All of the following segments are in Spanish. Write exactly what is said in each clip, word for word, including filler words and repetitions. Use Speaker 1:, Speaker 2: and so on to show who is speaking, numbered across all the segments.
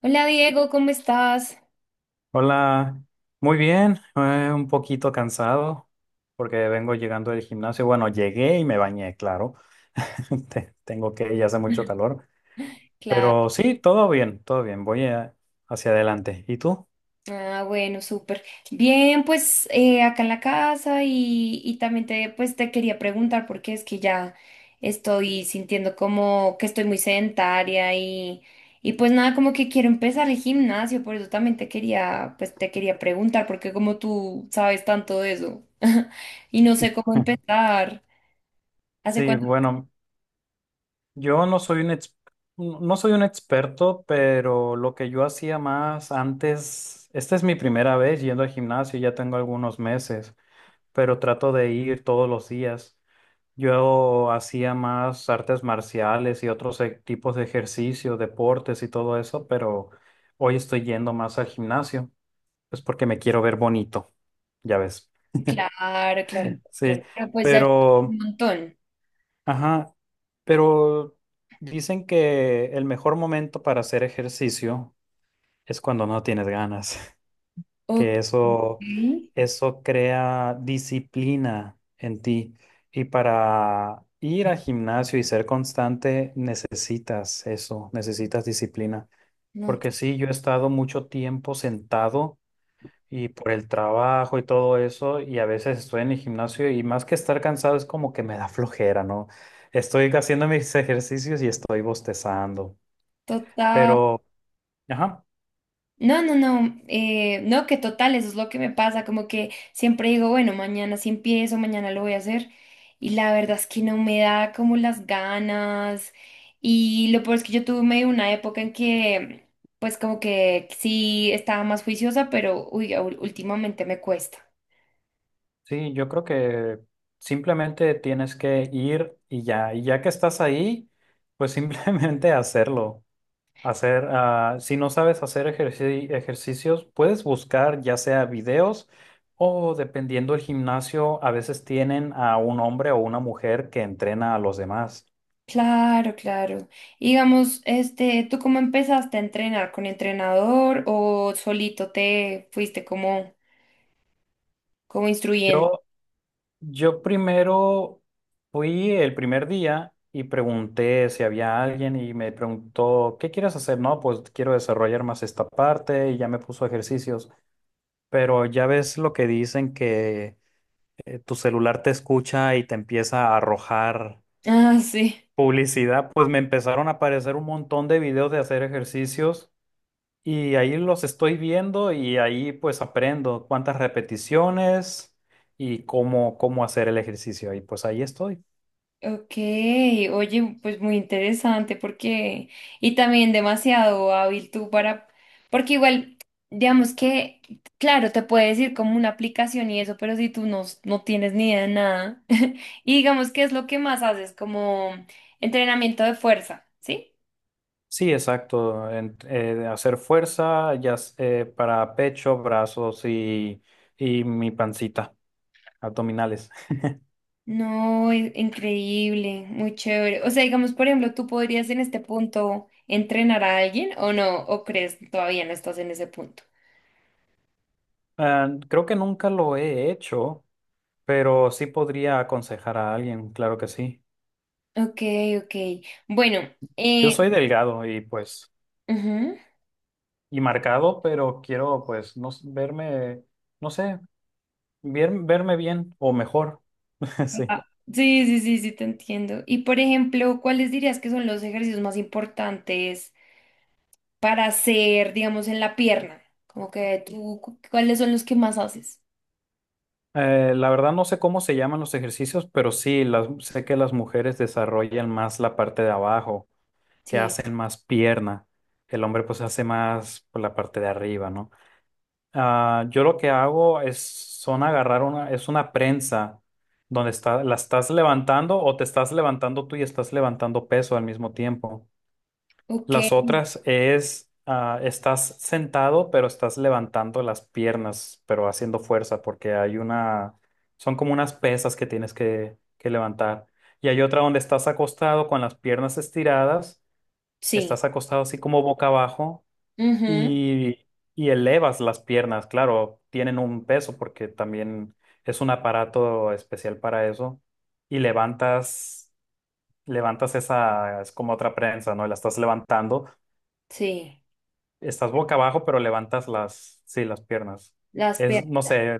Speaker 1: Hola Diego, ¿cómo estás?
Speaker 2: Hola, muy bien, eh, un poquito cansado porque vengo llegando del gimnasio. Bueno, llegué y me bañé, claro. Te- Tengo que ir, hace mucho calor,
Speaker 1: Claro,
Speaker 2: pero sí, todo bien, todo bien. Voy eh, hacia adelante. ¿Y tú?
Speaker 1: ah, bueno, súper. Bien, pues eh, acá en la casa y, y también te, pues, te quería preguntar porque es que ya estoy sintiendo como que estoy muy sedentaria y, y pues nada, como que quiero empezar el gimnasio, por eso también te quería, pues te quería preguntar porque como tú sabes tanto de eso y no sé cómo empezar. ¿Hace
Speaker 2: Sí,
Speaker 1: cuánto?
Speaker 2: bueno, yo no soy un ex- no no soy un experto, pero lo que yo hacía más antes, esta es mi primera vez yendo al gimnasio, ya tengo algunos meses, pero trato de ir todos los días. Yo hacía más artes marciales y otros e- tipos de ejercicio deportes y todo eso, pero hoy estoy yendo más al gimnasio, pues porque me quiero ver bonito, ya ves.
Speaker 1: Claro, claro, claro,
Speaker 2: Sí,
Speaker 1: claro, pues ya llevo un
Speaker 2: pero,
Speaker 1: montón.
Speaker 2: ajá, pero dicen que el mejor momento para hacer ejercicio es cuando no tienes ganas.
Speaker 1: Ok,
Speaker 2: Que eso, eso crea disciplina en ti. Y para ir al gimnasio y ser constante, necesitas eso, necesitas disciplina.
Speaker 1: no.
Speaker 2: Porque sí, yo he estado mucho tiempo sentado y por el trabajo y todo eso, y a veces estoy en el gimnasio y más que estar cansado es como que me da flojera, ¿no? Estoy haciendo mis ejercicios y estoy bostezando.
Speaker 1: Total.
Speaker 2: Pero, ajá.
Speaker 1: No, no, no, eh, no, que total, eso es lo que me pasa. Como que siempre digo, bueno, mañana sí empiezo, mañana lo voy a hacer. Y la verdad es que no me da como las ganas. Y lo peor es que yo tuve medio una época en que, pues como que sí estaba más juiciosa, pero uy, ul- últimamente me cuesta.
Speaker 2: Sí, yo creo que simplemente tienes que ir y ya, y ya que estás ahí, pues simplemente hacerlo. Hacer, ah, si no sabes hacer ejerci- ejercicios, puedes buscar ya sea videos o dependiendo del gimnasio, a veces tienen a un hombre o una mujer que entrena a los demás.
Speaker 1: Claro, claro. Y digamos, este, ¿tú cómo empezaste a entrenar? ¿Con entrenador o solito te fuiste como, como instruyendo?
Speaker 2: Yo primero fui el primer día y pregunté si había alguien y me preguntó, ¿qué quieres hacer? No, pues quiero desarrollar más esta parte y ya me puso ejercicios. Pero ya ves lo que dicen que eh, tu celular te escucha y te empieza a arrojar
Speaker 1: Ah, sí.
Speaker 2: publicidad. Pues me empezaron a aparecer un montón de videos de hacer ejercicios y ahí los estoy viendo y ahí pues aprendo cuántas repeticiones y cómo, cómo hacer el ejercicio. Y pues ahí estoy.
Speaker 1: Ok, oye, pues muy interesante porque, y también demasiado hábil tú para, porque igual, digamos que, claro, te puede decir como una aplicación y eso, pero si tú no, no tienes ni idea de nada, y digamos que es lo que más haces, como entrenamiento de fuerza, ¿sí?
Speaker 2: Sí, exacto. En- eh, hacer fuerza ya s- eh, para pecho, brazos y, y mi pancita, abdominales.
Speaker 1: No, i- increíble, muy chévere. O sea, digamos, por ejemplo, ¿tú podrías en este punto entrenar a alguien o no? ¿O crees todavía no estás en ese punto?
Speaker 2: Ah, creo que nunca lo he hecho, pero sí podría aconsejar a alguien, claro que sí.
Speaker 1: Ok, ok. Bueno,
Speaker 2: Yo
Speaker 1: eh,
Speaker 2: soy delgado y pues,
Speaker 1: ujú.
Speaker 2: y marcado, pero quiero pues no, s- verme, no sé, bien- verme bien o mejor. Sí.
Speaker 1: Ah, sí, sí, sí, sí, te entiendo. Y por ejemplo, ¿cuáles dirías que son los ejercicios más importantes para hacer, digamos, en la pierna? Como que tú, cu- ¿cuáles son los que más haces?
Speaker 2: Eh, la verdad no sé cómo se llaman los ejercicios, pero sí, las, sé que las mujeres desarrollan más la parte de abajo. Que
Speaker 1: Sí,
Speaker 2: hacen más pierna. El hombre pues hace más por la parte de arriba, ¿no? Ah, yo lo que hago es son agarrar una, es una prensa donde está, la estás levantando o te estás levantando tú y estás levantando peso al mismo tiempo.
Speaker 1: ok,
Speaker 2: Las otras es, ah, estás sentado pero estás levantando las piernas, pero haciendo fuerza porque hay una, son como unas pesas que tienes que, que levantar. Y hay otra donde estás acostado con las piernas estiradas.
Speaker 1: sí,
Speaker 2: Estás acostado así como boca abajo
Speaker 1: ujú,
Speaker 2: y, y elevas las piernas. Claro, tienen un peso porque también es un aparato especial para eso. Y levantas, levantas esa, es como otra prensa, ¿no? La estás levantando.
Speaker 1: sí,
Speaker 2: Estás boca abajo, pero levantas las, sí, las piernas.
Speaker 1: las
Speaker 2: Es, no
Speaker 1: piernas.
Speaker 2: sé,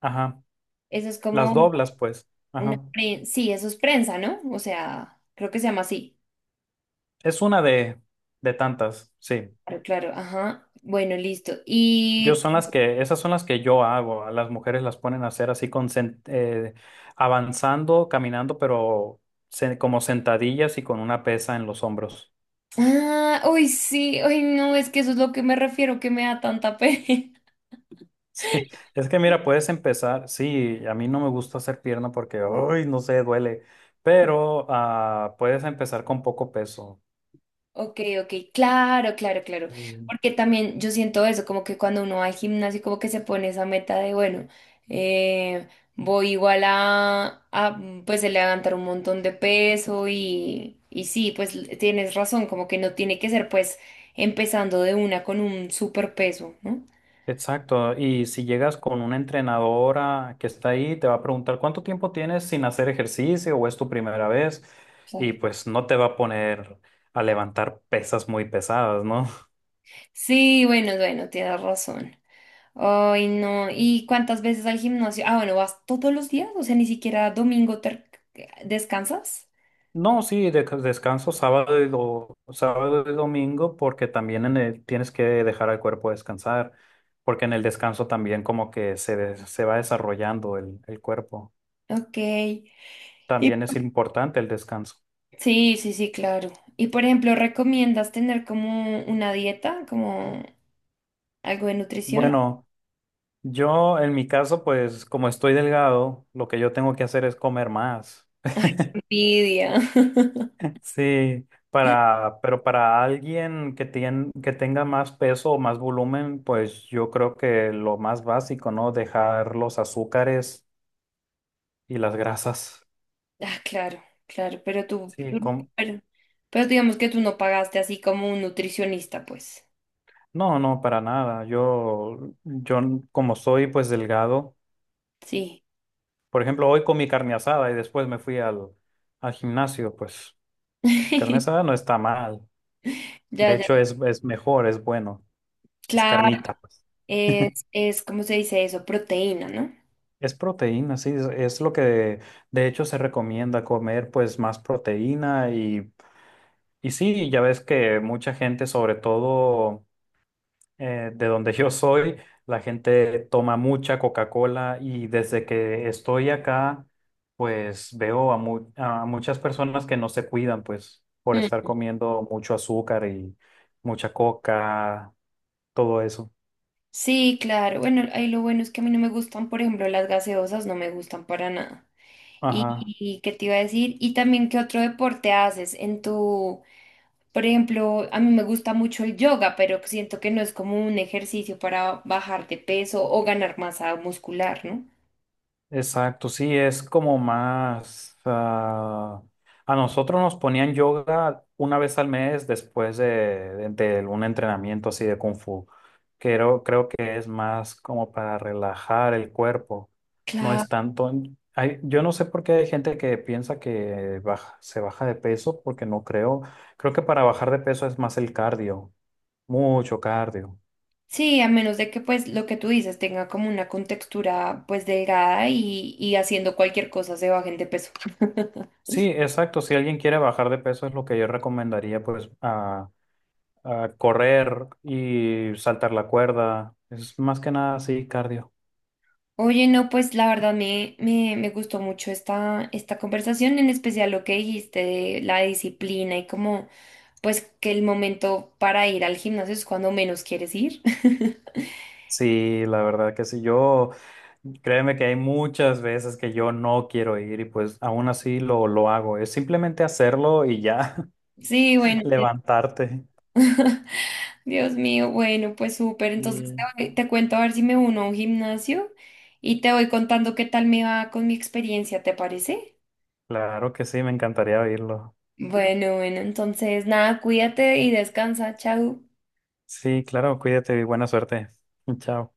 Speaker 2: ajá.
Speaker 1: Eso es
Speaker 2: Las
Speaker 1: como
Speaker 2: doblas, pues.
Speaker 1: una
Speaker 2: Ajá.
Speaker 1: prensa, sí, eso es prensa, ¿no? O sea, creo que se llama así.
Speaker 2: Es una de, de tantas, sí.
Speaker 1: Claro, claro, ajá. Bueno, listo.
Speaker 2: Yo
Speaker 1: Y
Speaker 2: son las que, esas son las que yo hago. A las mujeres las ponen a hacer así con sen- eh, avanzando, caminando, pero se- como sentadillas y con una pesa en los hombros.
Speaker 1: ah, uy, sí, uy, no, es que eso es lo que me refiero, que me da tanta pena.
Speaker 2: Sí. Es que mira, puedes empezar. Sí, a mí no me gusta hacer pierna porque, uy, no sé, duele. Pero ah, puedes empezar con poco peso.
Speaker 1: Ok, ok, claro, claro, claro. Porque también yo siento eso, como que cuando uno va al gimnasio, como que se pone esa meta de, bueno, eh, voy igual a, a, pues, levantar un montón de peso y, y sí, pues tienes razón, como que no tiene que ser, pues, empezando de una con un super peso, ¿no?
Speaker 2: Exacto, y si llegas con una entrenadora que está ahí, te va a preguntar cuánto tiempo tienes sin hacer ejercicio o es tu primera vez y
Speaker 1: Claro.
Speaker 2: pues no te va a poner a levantar pesas muy pesadas, ¿no?
Speaker 1: Sí, bueno, bueno, tienes razón. Ay, no. ¿Y cuántas veces al gimnasio? Ah, bueno, ¿vas todos los días? O sea, ni siquiera domingo ter- descansas.
Speaker 2: No, sí, de- descanso sábado y, do- sábado y domingo porque también en el- tienes que dejar al cuerpo descansar, porque en el descanso también como que se, des- se va desarrollando el, el cuerpo.
Speaker 1: Ok. Y
Speaker 2: También es
Speaker 1: por-
Speaker 2: importante el descanso.
Speaker 1: Sí, sí, sí, claro. Y por ejemplo, ¿recomiendas tener como una dieta, como algo de nutrición?
Speaker 2: Bueno. Yo, en mi caso, pues como estoy delgado, lo que yo tengo que hacer es comer más.
Speaker 1: Envidia.
Speaker 2: Sí, para, pero para alguien que tiene, que tenga más peso o más volumen, pues yo creo que lo más básico, ¿no? Dejar los azúcares y las grasas.
Speaker 1: Ah, claro, claro, pero tú,
Speaker 2: Sí,
Speaker 1: tú-
Speaker 2: com-
Speaker 1: pero, pero digamos que tú no pagaste así como un nutricionista, pues.
Speaker 2: no, no, para nada. Yo, yo como soy pues delgado,
Speaker 1: Sí.
Speaker 2: por ejemplo, hoy comí carne asada y después me fui al, al gimnasio, pues carne asada no está mal.
Speaker 1: Ya,
Speaker 2: De
Speaker 1: ya.
Speaker 2: hecho, es, es mejor, es bueno. Es
Speaker 1: Claro.
Speaker 2: carnita, pues.
Speaker 1: Es, es, ¿cómo se dice eso? Proteína, ¿no?
Speaker 2: Es proteína, sí, es, es lo que de hecho se recomienda comer, pues más proteína y, y sí, ya ves que mucha gente, sobre todo eh, de donde yo soy, la gente toma mucha Coca-Cola y desde que estoy acá, pues veo a, mu- a muchas personas que no se cuidan, pues por estar
Speaker 1: Mm.
Speaker 2: comiendo mucho azúcar y mucha coca, todo eso.
Speaker 1: Sí, claro. Bueno, ahí lo bueno es que a mí no me gustan, por ejemplo, las gaseosas no me gustan para nada. ¿Y,
Speaker 2: Ajá.
Speaker 1: y qué te iba a decir? Y también, ¿qué otro deporte haces en tu, por ejemplo, a mí me gusta mucho el yoga, pero siento que no es como un ejercicio para bajar de peso o ganar masa muscular, ¿no?
Speaker 2: Exacto, sí, es como más... ah, a nosotros nos ponían yoga una vez al mes después de, de- de un entrenamiento así de Kung Fu. Creo, creo que es más como para relajar el cuerpo. No
Speaker 1: Claro.
Speaker 2: es tanto... hay- yo no sé por qué hay gente que piensa que baja- se baja de peso, porque no creo. Creo que para bajar de peso es más el cardio, mucho cardio.
Speaker 1: Sí, a menos de que pues lo que tú dices tenga como una contextura pues delgada y, y haciendo cualquier cosa se bajen de peso.
Speaker 2: Sí, exacto. Si alguien quiere bajar de peso es lo que yo recomendaría, pues a correr y saltar la cuerda. Es más que nada así, cardio.
Speaker 1: Oye, no, pues la verdad me, me, me gustó mucho esta, esta conversación, en especial lo que dijiste de la disciplina y como, pues que el momento para ir al gimnasio es cuando menos quieres ir.
Speaker 2: Sí, la verdad que sí. Yo, créeme que hay muchas veces que yo no quiero ir y pues aún así lo, lo hago. Es simplemente hacerlo y ya
Speaker 1: Sí, bueno,
Speaker 2: levantarte.
Speaker 1: Dios mío, bueno, pues súper. Entonces
Speaker 2: Y
Speaker 1: te, voy- te cuento a ver si me uno a un gimnasio y te voy contando qué tal me va con mi experiencia, ¿te parece?
Speaker 2: claro que sí, me encantaría oírlo.
Speaker 1: Bueno, bueno, entonces nada, cuídate y descansa, chao.
Speaker 2: Sí, claro, cuídate y buena suerte. Chao.